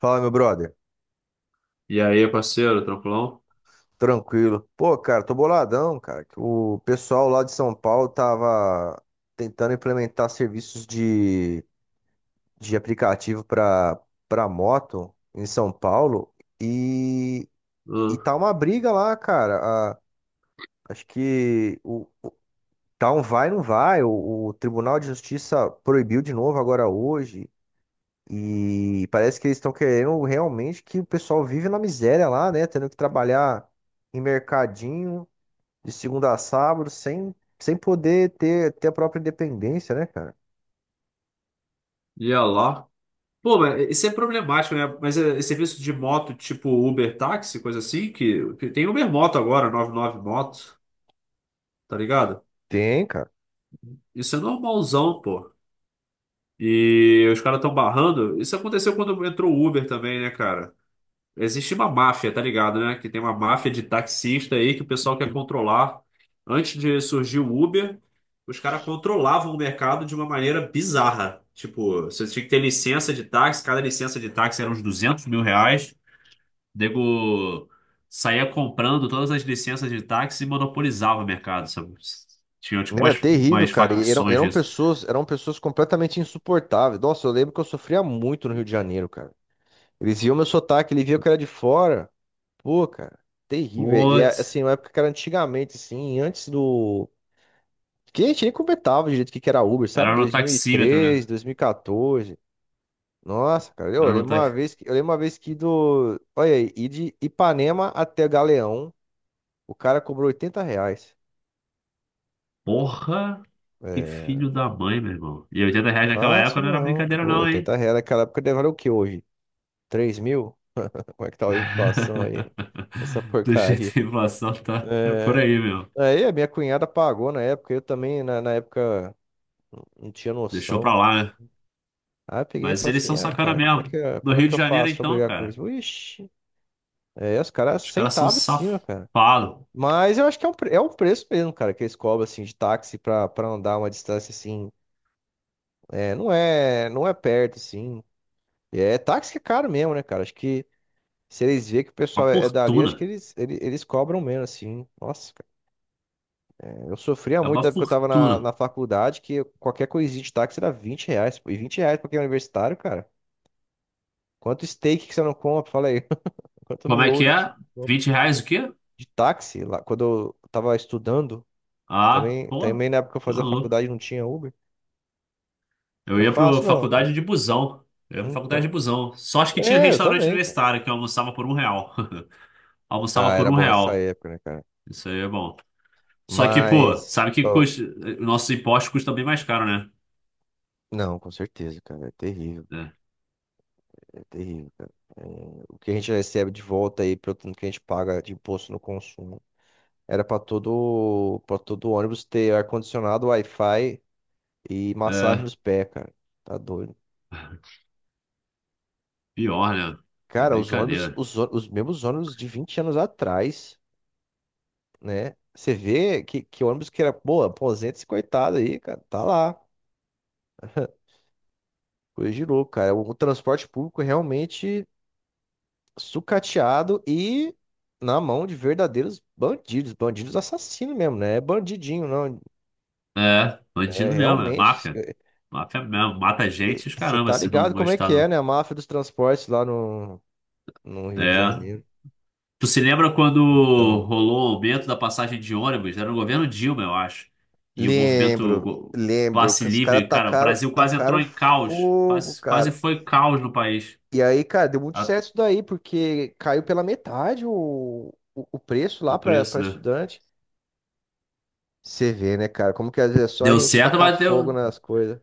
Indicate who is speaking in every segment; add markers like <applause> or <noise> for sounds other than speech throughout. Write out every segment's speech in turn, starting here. Speaker 1: Fala, meu brother.
Speaker 2: E aí, parceiro, tranquilão?
Speaker 1: Tranquilo. Pô, cara, tô boladão, cara. Que O pessoal lá de São Paulo tava tentando implementar serviços de aplicativo pra moto em São Paulo e, e
Speaker 2: Hum.
Speaker 1: tá uma briga lá, cara. Acho que tá um vai, não vai. O Tribunal de Justiça proibiu de novo agora hoje. E parece que eles estão querendo realmente que o pessoal vive na miséria lá, né? Tendo que trabalhar em mercadinho, de segunda a sábado, sem poder ter a própria independência, né, cara?
Speaker 2: E olha lá. Pô, mas isso é problemático, né? Mas é serviço de moto tipo Uber táxi, coisa assim, que tem Uber moto agora, 99 moto, tá ligado?
Speaker 1: Tem, cara.
Speaker 2: Isso é normalzão, pô. E os caras estão barrando. Isso aconteceu quando entrou o Uber também, né, cara? Existe uma máfia, tá ligado, né? Que tem uma máfia de taxista aí que o pessoal quer controlar. Antes de surgir o Uber, os caras controlavam o mercado de uma maneira bizarra. Tipo, você tinha que ter licença de táxi, cada licença de táxi era uns 200 mil reais. O Nego saía comprando todas as licenças de táxi e monopolizava o mercado, sabe? Tinha tipo umas,
Speaker 1: Era terrível,
Speaker 2: umas
Speaker 1: cara. E eram,
Speaker 2: facções
Speaker 1: eram
Speaker 2: disso.
Speaker 1: pessoas, eram pessoas completamente insuportáveis. Nossa, eu lembro que eu sofria muito no Rio de Janeiro, cara. Eles viam meu sotaque, eles viam que eu era de fora. Pô, cara, terrível. E é,
Speaker 2: Putz,
Speaker 1: assim, uma época que era antigamente, assim, antes do. Que a gente nem comentava direito o que que era Uber, sabe?
Speaker 2: era no taxímetro, né?
Speaker 1: 2013, 2014. Nossa, cara,
Speaker 2: Era no ta...
Speaker 1: eu lembro uma vez que do. Olha aí, ir de Ipanema até Galeão. O cara cobrou R$ 80.
Speaker 2: Porra, que
Speaker 1: É,
Speaker 2: filho da mãe, meu irmão. E R$ 80 naquela época
Speaker 1: fácil
Speaker 2: não era
Speaker 1: não.
Speaker 2: brincadeira,
Speaker 1: Pô,
Speaker 2: não, hein?
Speaker 1: R$ 80 naquela época deve valer o que hoje? 3 mil? Como é que tá a inflação aí? <laughs> Essa
Speaker 2: <laughs> Do jeito
Speaker 1: porcaria.
Speaker 2: que a inflação tá é por
Speaker 1: É,
Speaker 2: aí, meu.
Speaker 1: aí a minha cunhada pagou na época, eu também na época não tinha
Speaker 2: Deixou pra
Speaker 1: noção.
Speaker 2: lá, né?
Speaker 1: Aí eu peguei e
Speaker 2: Mas
Speaker 1: falei
Speaker 2: eles
Speaker 1: assim,
Speaker 2: são
Speaker 1: ah,
Speaker 2: sacana
Speaker 1: cara,
Speaker 2: mesmo. No
Speaker 1: como é
Speaker 2: Rio
Speaker 1: que
Speaker 2: de
Speaker 1: eu
Speaker 2: Janeiro,
Speaker 1: faço pra
Speaker 2: então,
Speaker 1: brigar com
Speaker 2: cara,
Speaker 1: isso? Ixi, é, os caras
Speaker 2: os caras são
Speaker 1: sentavam em cima, cara.
Speaker 2: safados.
Speaker 1: Mas eu acho que é um preço mesmo, cara, que eles cobram, assim, de táxi pra andar uma distância, assim, é, não é perto, assim. É, táxi que é caro mesmo, né, cara? Acho que se eles verem que o
Speaker 2: Uma
Speaker 1: pessoal é dali, acho que
Speaker 2: fortuna.
Speaker 1: eles cobram menos, assim. Nossa, cara, eu sofria
Speaker 2: É
Speaker 1: muito
Speaker 2: uma
Speaker 1: na época que eu tava na,
Speaker 2: fortuna.
Speaker 1: na faculdade, que qualquer coisinha de táxi era R$ 20. Pô. E R$ 20 pra quem é universitário, cara. Quanto steak que você não compra? Fala aí. <laughs> Quanto
Speaker 2: Como é que
Speaker 1: miojo que você
Speaker 2: é?
Speaker 1: não compra?
Speaker 2: 20 reais o quê?
Speaker 1: De táxi, lá, quando eu tava estudando,
Speaker 2: Ah,
Speaker 1: também,
Speaker 2: pô,
Speaker 1: também na época que eu
Speaker 2: tá
Speaker 1: fazia
Speaker 2: maluco.
Speaker 1: faculdade não tinha Uber. Não
Speaker 2: Eu
Speaker 1: era
Speaker 2: ia pra
Speaker 1: fácil, não, cara.
Speaker 2: faculdade de busão. Eu ia pra faculdade
Speaker 1: Então.
Speaker 2: de busão. Só acho que tinha um
Speaker 1: É, eu
Speaker 2: restaurante
Speaker 1: também, cara.
Speaker 2: universitário que eu almoçava por R$ 1. <laughs> Almoçava
Speaker 1: Ah,
Speaker 2: por
Speaker 1: era
Speaker 2: um
Speaker 1: bom essa
Speaker 2: real.
Speaker 1: época, né, cara?
Speaker 2: Isso aí é bom. Só que, pô,
Speaker 1: Mas,
Speaker 2: sabe que
Speaker 1: ó,
Speaker 2: custa, nossos impostos custam bem mais caro, né?
Speaker 1: não, com certeza, cara.
Speaker 2: É,
Speaker 1: É terrível, cara. É, o que a gente recebe de volta aí, pelo tanto que a gente paga de imposto no consumo. Era para todo ônibus ter ar-condicionado, Wi-Fi e massagem
Speaker 2: é
Speaker 1: nos pés, cara. Tá doido.
Speaker 2: pior, né? É
Speaker 1: Cara, os ônibus,
Speaker 2: brincadeira.
Speaker 1: os mesmos ônibus de 20 anos atrás, né? Você vê que ônibus que era, pô, aposenta esse coitado aí, cara. Tá lá. Coisa de louco, cara. Transporte público realmente sucateado e na mão de verdadeiros bandidos, bandidos assassinos mesmo, né? É bandidinho, não.
Speaker 2: É,
Speaker 1: É
Speaker 2: bandido mesmo, é
Speaker 1: realmente,
Speaker 2: máfia. Máfia mesmo, mata gente, e os
Speaker 1: você
Speaker 2: caramba,
Speaker 1: tá
Speaker 2: se não
Speaker 1: ligado como é
Speaker 2: gostar,
Speaker 1: que é,
Speaker 2: não.
Speaker 1: né? A máfia dos transportes lá no Rio de
Speaker 2: É.
Speaker 1: Janeiro.
Speaker 2: Tu se lembra quando
Speaker 1: Então,
Speaker 2: rolou o aumento da passagem de ônibus? Era no governo Dilma, eu acho. E o movimento
Speaker 1: lembro,
Speaker 2: go-
Speaker 1: lembro
Speaker 2: passe
Speaker 1: que os caras
Speaker 2: livre, cara, o
Speaker 1: tacaram,
Speaker 2: Brasil quase
Speaker 1: tacaram
Speaker 2: entrou em caos.
Speaker 1: fogo,
Speaker 2: Quase, quase
Speaker 1: cara.
Speaker 2: foi caos no país.
Speaker 1: E aí, cara, deu muito
Speaker 2: A-
Speaker 1: certo isso daí, porque caiu pela metade o preço lá
Speaker 2: O preço,
Speaker 1: para
Speaker 2: né?
Speaker 1: estudante. Você vê, né, cara, como que às vezes é só a
Speaker 2: Deu
Speaker 1: gente
Speaker 2: certo,
Speaker 1: tacar
Speaker 2: mas
Speaker 1: fogo
Speaker 2: deu.
Speaker 1: nas coisas.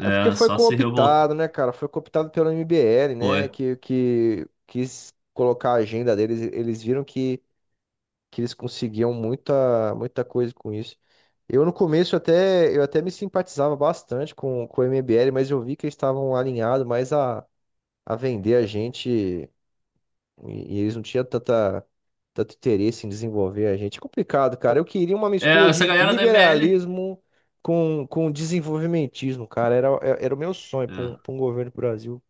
Speaker 1: É porque
Speaker 2: É,
Speaker 1: foi
Speaker 2: só se revolta.
Speaker 1: cooptado, né, cara? Foi cooptado pelo MBL, né?
Speaker 2: Foi.
Speaker 1: Que quis colocar a agenda deles. Eles viram que eles conseguiam muita, muita coisa com isso. Eu no começo até me simpatizava bastante com o MBL, mas eu vi que eles estavam alinhados mais a vender a gente e eles não tinham tanta, tanto interesse em desenvolver a gente. É complicado, cara. Eu queria uma mistura
Speaker 2: É,
Speaker 1: de
Speaker 2: essa galera da MBL.
Speaker 1: liberalismo com desenvolvimentismo, cara. Era o meu sonho para um,
Speaker 2: É.
Speaker 1: pra um governo pro Brasil.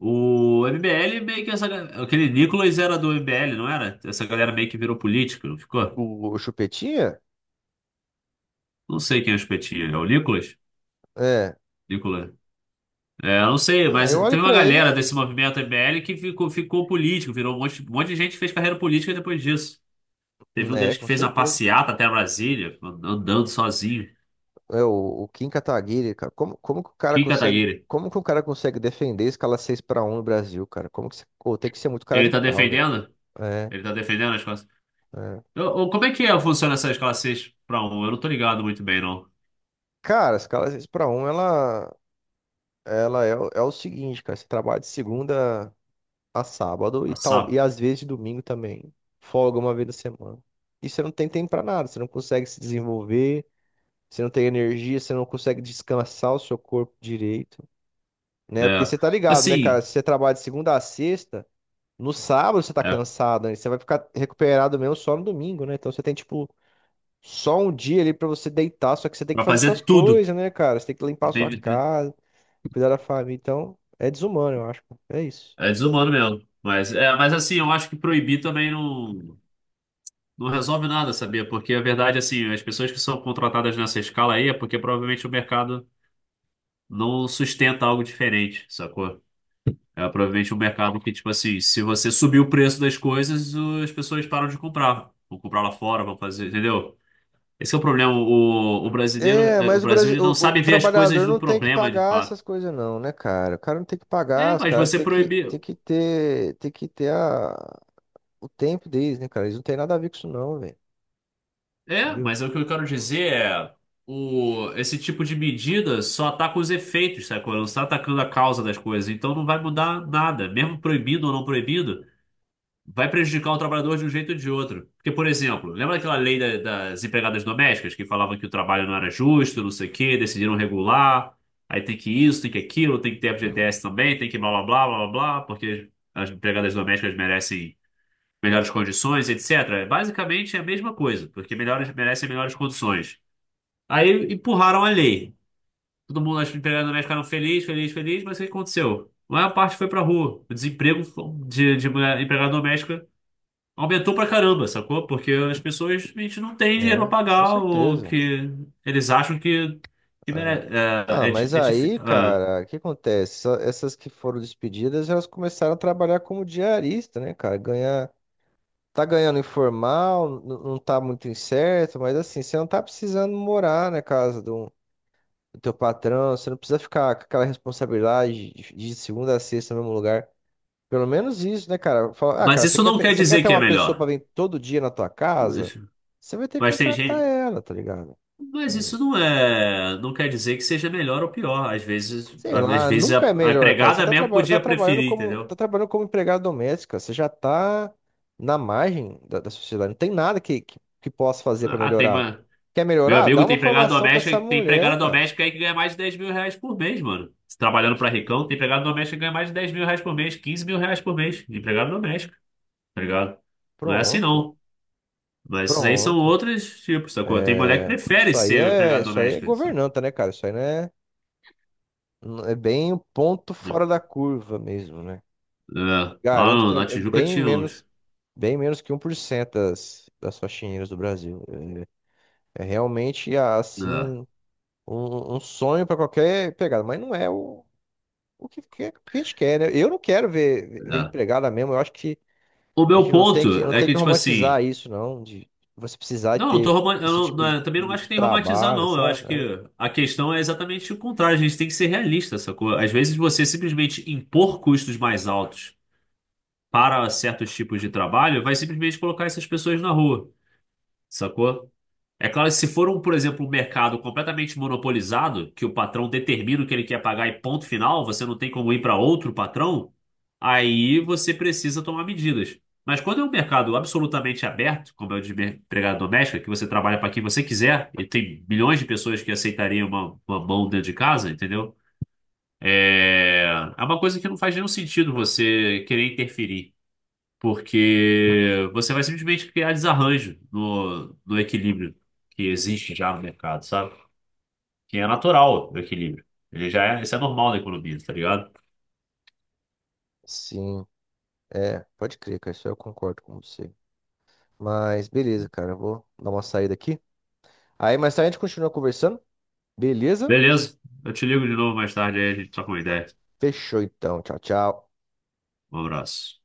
Speaker 2: O MBL meio que essa. ga- Aquele Nicolas era do MBL, não era? Essa galera meio que virou político, não ficou?
Speaker 1: O Chupetinha?
Speaker 2: Não sei quem é o espetinho. É o Nicolas?
Speaker 1: É.
Speaker 2: Nicolas. É, eu não sei,
Speaker 1: Ah,
Speaker 2: mas
Speaker 1: eu
Speaker 2: teve
Speaker 1: olho
Speaker 2: uma
Speaker 1: pra ele,
Speaker 2: galera desse movimento MBL que ficou político, virou um monte de gente que fez carreira política depois disso. Teve um
Speaker 1: né,
Speaker 2: deles que
Speaker 1: com
Speaker 2: fez uma
Speaker 1: certeza.
Speaker 2: passeata até Brasília, andando sozinho.
Speaker 1: É, o Kim Kataguiri, cara. Como que o cara
Speaker 2: Kim
Speaker 1: consegue.
Speaker 2: Kataguiri.
Speaker 1: Como que o cara consegue defender escala 6 para um no Brasil, cara? Como que você... Pô, tem que ser muito cara
Speaker 2: Ele
Speaker 1: de
Speaker 2: tá
Speaker 1: pau, velho.
Speaker 2: defendendo?
Speaker 1: É,
Speaker 2: Ele tá defendendo as
Speaker 1: é.
Speaker 2: Como é que é, funciona essa escala 6 para um? Eu não tô ligado muito bem, não.
Speaker 1: Cara, a escala 6 para um ela. Ela é, é o seguinte, cara, você trabalha de segunda a sábado
Speaker 2: A
Speaker 1: e tal,
Speaker 2: SAP.
Speaker 1: e às vezes de domingo também. Folga uma vez na semana. E você não tem tempo pra nada, você não consegue se desenvolver, você não tem energia, você não consegue descansar o seu corpo direito, né? Porque
Speaker 2: É.
Speaker 1: você tá ligado, né, cara?
Speaker 2: Assim,
Speaker 1: Se você trabalha de segunda a sexta, no sábado você tá
Speaker 2: é,
Speaker 1: cansado, né? Você vai ficar recuperado mesmo só no domingo, né? Então você tem, tipo, só um dia ali pra você deitar, só que você tem que
Speaker 2: para
Speaker 1: fazer suas
Speaker 2: fazer tudo.
Speaker 1: coisas, né, cara? Você tem que limpar a sua
Speaker 2: Entende?
Speaker 1: casa, cuidar da família. Então, é desumano, eu acho. Pô. É isso.
Speaker 2: É desumano mesmo. Mas, é, mas assim, eu acho que proibir também não, não resolve nada, sabia? Porque a verdade, assim, as pessoas que são contratadas nessa escala aí é porque provavelmente o mercado não sustenta algo diferente, sacou? É provavelmente um mercado que, tipo assim, se você subir o preço das coisas, as pessoas param de comprar. Vão comprar lá fora, vão fazer, entendeu? Esse é o problema. O brasileiro,
Speaker 1: É,
Speaker 2: é, o
Speaker 1: mas o,
Speaker 2: Brasil,
Speaker 1: Brasil,
Speaker 2: ele não sabe
Speaker 1: o
Speaker 2: ver as coisas
Speaker 1: trabalhador
Speaker 2: do
Speaker 1: não tem que
Speaker 2: problema, de
Speaker 1: pagar
Speaker 2: fato.
Speaker 1: essas coisas não, né, cara? O cara não tem que
Speaker 2: É,
Speaker 1: pagar, os
Speaker 2: mas
Speaker 1: caras
Speaker 2: você proibiu.
Speaker 1: tem que ter a, o tempo deles, né, cara? Eles não têm nada a ver com isso não, velho.
Speaker 2: É,
Speaker 1: Entendeu?
Speaker 2: mas é o que eu quero dizer é o, esse tipo de medida só ataca os efeitos, sabe? Não está atacando a causa das coisas. Então não vai mudar nada, mesmo proibido ou não proibido. Vai prejudicar o trabalhador de um jeito ou de outro. Porque, por exemplo, lembra aquela lei das empregadas domésticas que falava que o trabalho não era justo, não sei o quê, decidiram regular, aí tem que isso, tem que aquilo, tem que ter FGTS também, tem que blá blá blá blá blá, blá, porque as empregadas domésticas merecem melhores condições, etc. Basicamente é a mesma coisa, porque melhores merecem melhores condições. Aí empurraram a lei. Todo mundo, as empregadas domésticas ficaram felizes, felizes, felizes, mas o que aconteceu? A maior parte foi pra rua. O desemprego de empregada doméstica aumentou pra caramba, sacou? Porque as pessoas, a gente não tem dinheiro pra
Speaker 1: É, com
Speaker 2: pagar o
Speaker 1: certeza.
Speaker 2: que eles acham que
Speaker 1: É.
Speaker 2: merece.
Speaker 1: Ah, mas aí, cara, o que acontece? Essas que foram despedidas, elas começaram a trabalhar como diarista, né, cara? Ganhar Tá ganhando informal, não tá muito incerto, mas assim, você não tá precisando morar na casa do teu patrão, você não precisa ficar com aquela responsabilidade de segunda a sexta no mesmo lugar. Pelo menos isso, né, cara? Fala, ah,
Speaker 2: Mas
Speaker 1: cara, você
Speaker 2: isso
Speaker 1: quer
Speaker 2: não
Speaker 1: ter,
Speaker 2: quer
Speaker 1: você quer
Speaker 2: dizer
Speaker 1: ter
Speaker 2: que é
Speaker 1: uma pessoa
Speaker 2: melhor.
Speaker 1: pra vir todo dia na tua casa?
Speaker 2: Mas,
Speaker 1: Você vai ter que
Speaker 2: mas tem
Speaker 1: contratar
Speaker 2: gente.
Speaker 1: ela, tá ligado?
Speaker 2: Mas isso não é. Não quer dizer que seja melhor ou pior.
Speaker 1: Sei
Speaker 2: Às
Speaker 1: lá,
Speaker 2: vezes a,
Speaker 1: nunca é
Speaker 2: a
Speaker 1: melhor, cara. Você
Speaker 2: empregada
Speaker 1: tá,
Speaker 2: mesmo
Speaker 1: traba tá
Speaker 2: podia
Speaker 1: trabalhando
Speaker 2: preferir,
Speaker 1: como, tá
Speaker 2: entendeu?
Speaker 1: trabalhando como empregada doméstica, você já tá na margem da sociedade. Não tem nada que possa fazer pra
Speaker 2: Ah, tem
Speaker 1: melhorar.
Speaker 2: uma.
Speaker 1: Quer
Speaker 2: Meu
Speaker 1: melhorar? Dá
Speaker 2: amigo
Speaker 1: uma formação pra essa
Speaker 2: tem
Speaker 1: mulher,
Speaker 2: empregada
Speaker 1: cara.
Speaker 2: doméstica aí que ganha mais de 10 mil reais por mês, mano. Trabalhando pra ricão, tem empregada doméstica que ganha mais de 10 mil reais por mês, 15 mil reais por mês de empregada doméstica, tá ligado? Não é assim
Speaker 1: Pronto,
Speaker 2: não. Mas esses aí são
Speaker 1: pronto.
Speaker 2: outros tipos, sacou? Tem mulher que
Speaker 1: É,
Speaker 2: prefere
Speaker 1: isso aí
Speaker 2: ser
Speaker 1: é,
Speaker 2: empregada
Speaker 1: isso aí é
Speaker 2: doméstica, sabe?
Speaker 1: governanta, né, cara? Isso aí não é, não- é bem um ponto fora da curva mesmo, né?
Speaker 2: É, lá
Speaker 1: Garanto que é
Speaker 2: na
Speaker 1: é
Speaker 2: Tijuca tinha uns.
Speaker 1: bem menos que 1% das faxineiras do Brasil. É, é realmente
Speaker 2: É,
Speaker 1: assim. Um sonho para qualquer empregado, mas não é o que, que a gente quer, né? Eu não quero ver
Speaker 2: é.
Speaker 1: empregada mesmo. Eu acho que
Speaker 2: O
Speaker 1: a
Speaker 2: meu
Speaker 1: gente não tem que,
Speaker 2: ponto
Speaker 1: não
Speaker 2: é
Speaker 1: tem
Speaker 2: que,
Speaker 1: que
Speaker 2: tipo assim,
Speaker 1: romantizar isso, não, de você precisar
Speaker 2: não, não tô
Speaker 1: ter
Speaker 2: roman- eu
Speaker 1: esse
Speaker 2: não-
Speaker 1: tipo
Speaker 2: não é,
Speaker 1: de,
Speaker 2: eu também não
Speaker 1: de-
Speaker 2: acho que
Speaker 1: de
Speaker 2: tem que romantizar,
Speaker 1: trabalho,
Speaker 2: não. Eu
Speaker 1: sabe?
Speaker 2: acho que
Speaker 1: É,
Speaker 2: a questão é exatamente o contrário. A gente tem que ser realista, sacou? Às vezes você simplesmente impor custos mais altos para certos tipos de trabalho vai simplesmente colocar essas pessoas na rua, sacou? É claro que se for um, por exemplo, um mercado completamente monopolizado, que o patrão determina o que ele quer pagar e ponto final, você não tem como ir para outro patrão, aí você precisa tomar medidas. Mas quando é um mercado absolutamente aberto, como é o de empregada doméstica, que você trabalha para quem você quiser, e tem milhões de pessoas que aceitariam uma mão dentro de casa, entendeu? É, é uma coisa que não faz nenhum sentido você querer interferir porque você vai simplesmente criar desarranjo no equilíbrio que existe já no mercado, sabe? Que é natural o equilíbrio. Ele já é, isso é normal na economia, tá ligado?
Speaker 1: sim, é, pode crer, cara. Isso eu concordo com você. Mas beleza, cara. Eu vou dar uma saída aqui. Aí mais tarde a gente continua conversando. Beleza?
Speaker 2: Beleza, eu te ligo de novo mais tarde aí a gente troca uma ideia.
Speaker 1: Fechou então. Tchau, tchau.
Speaker 2: Um abraço.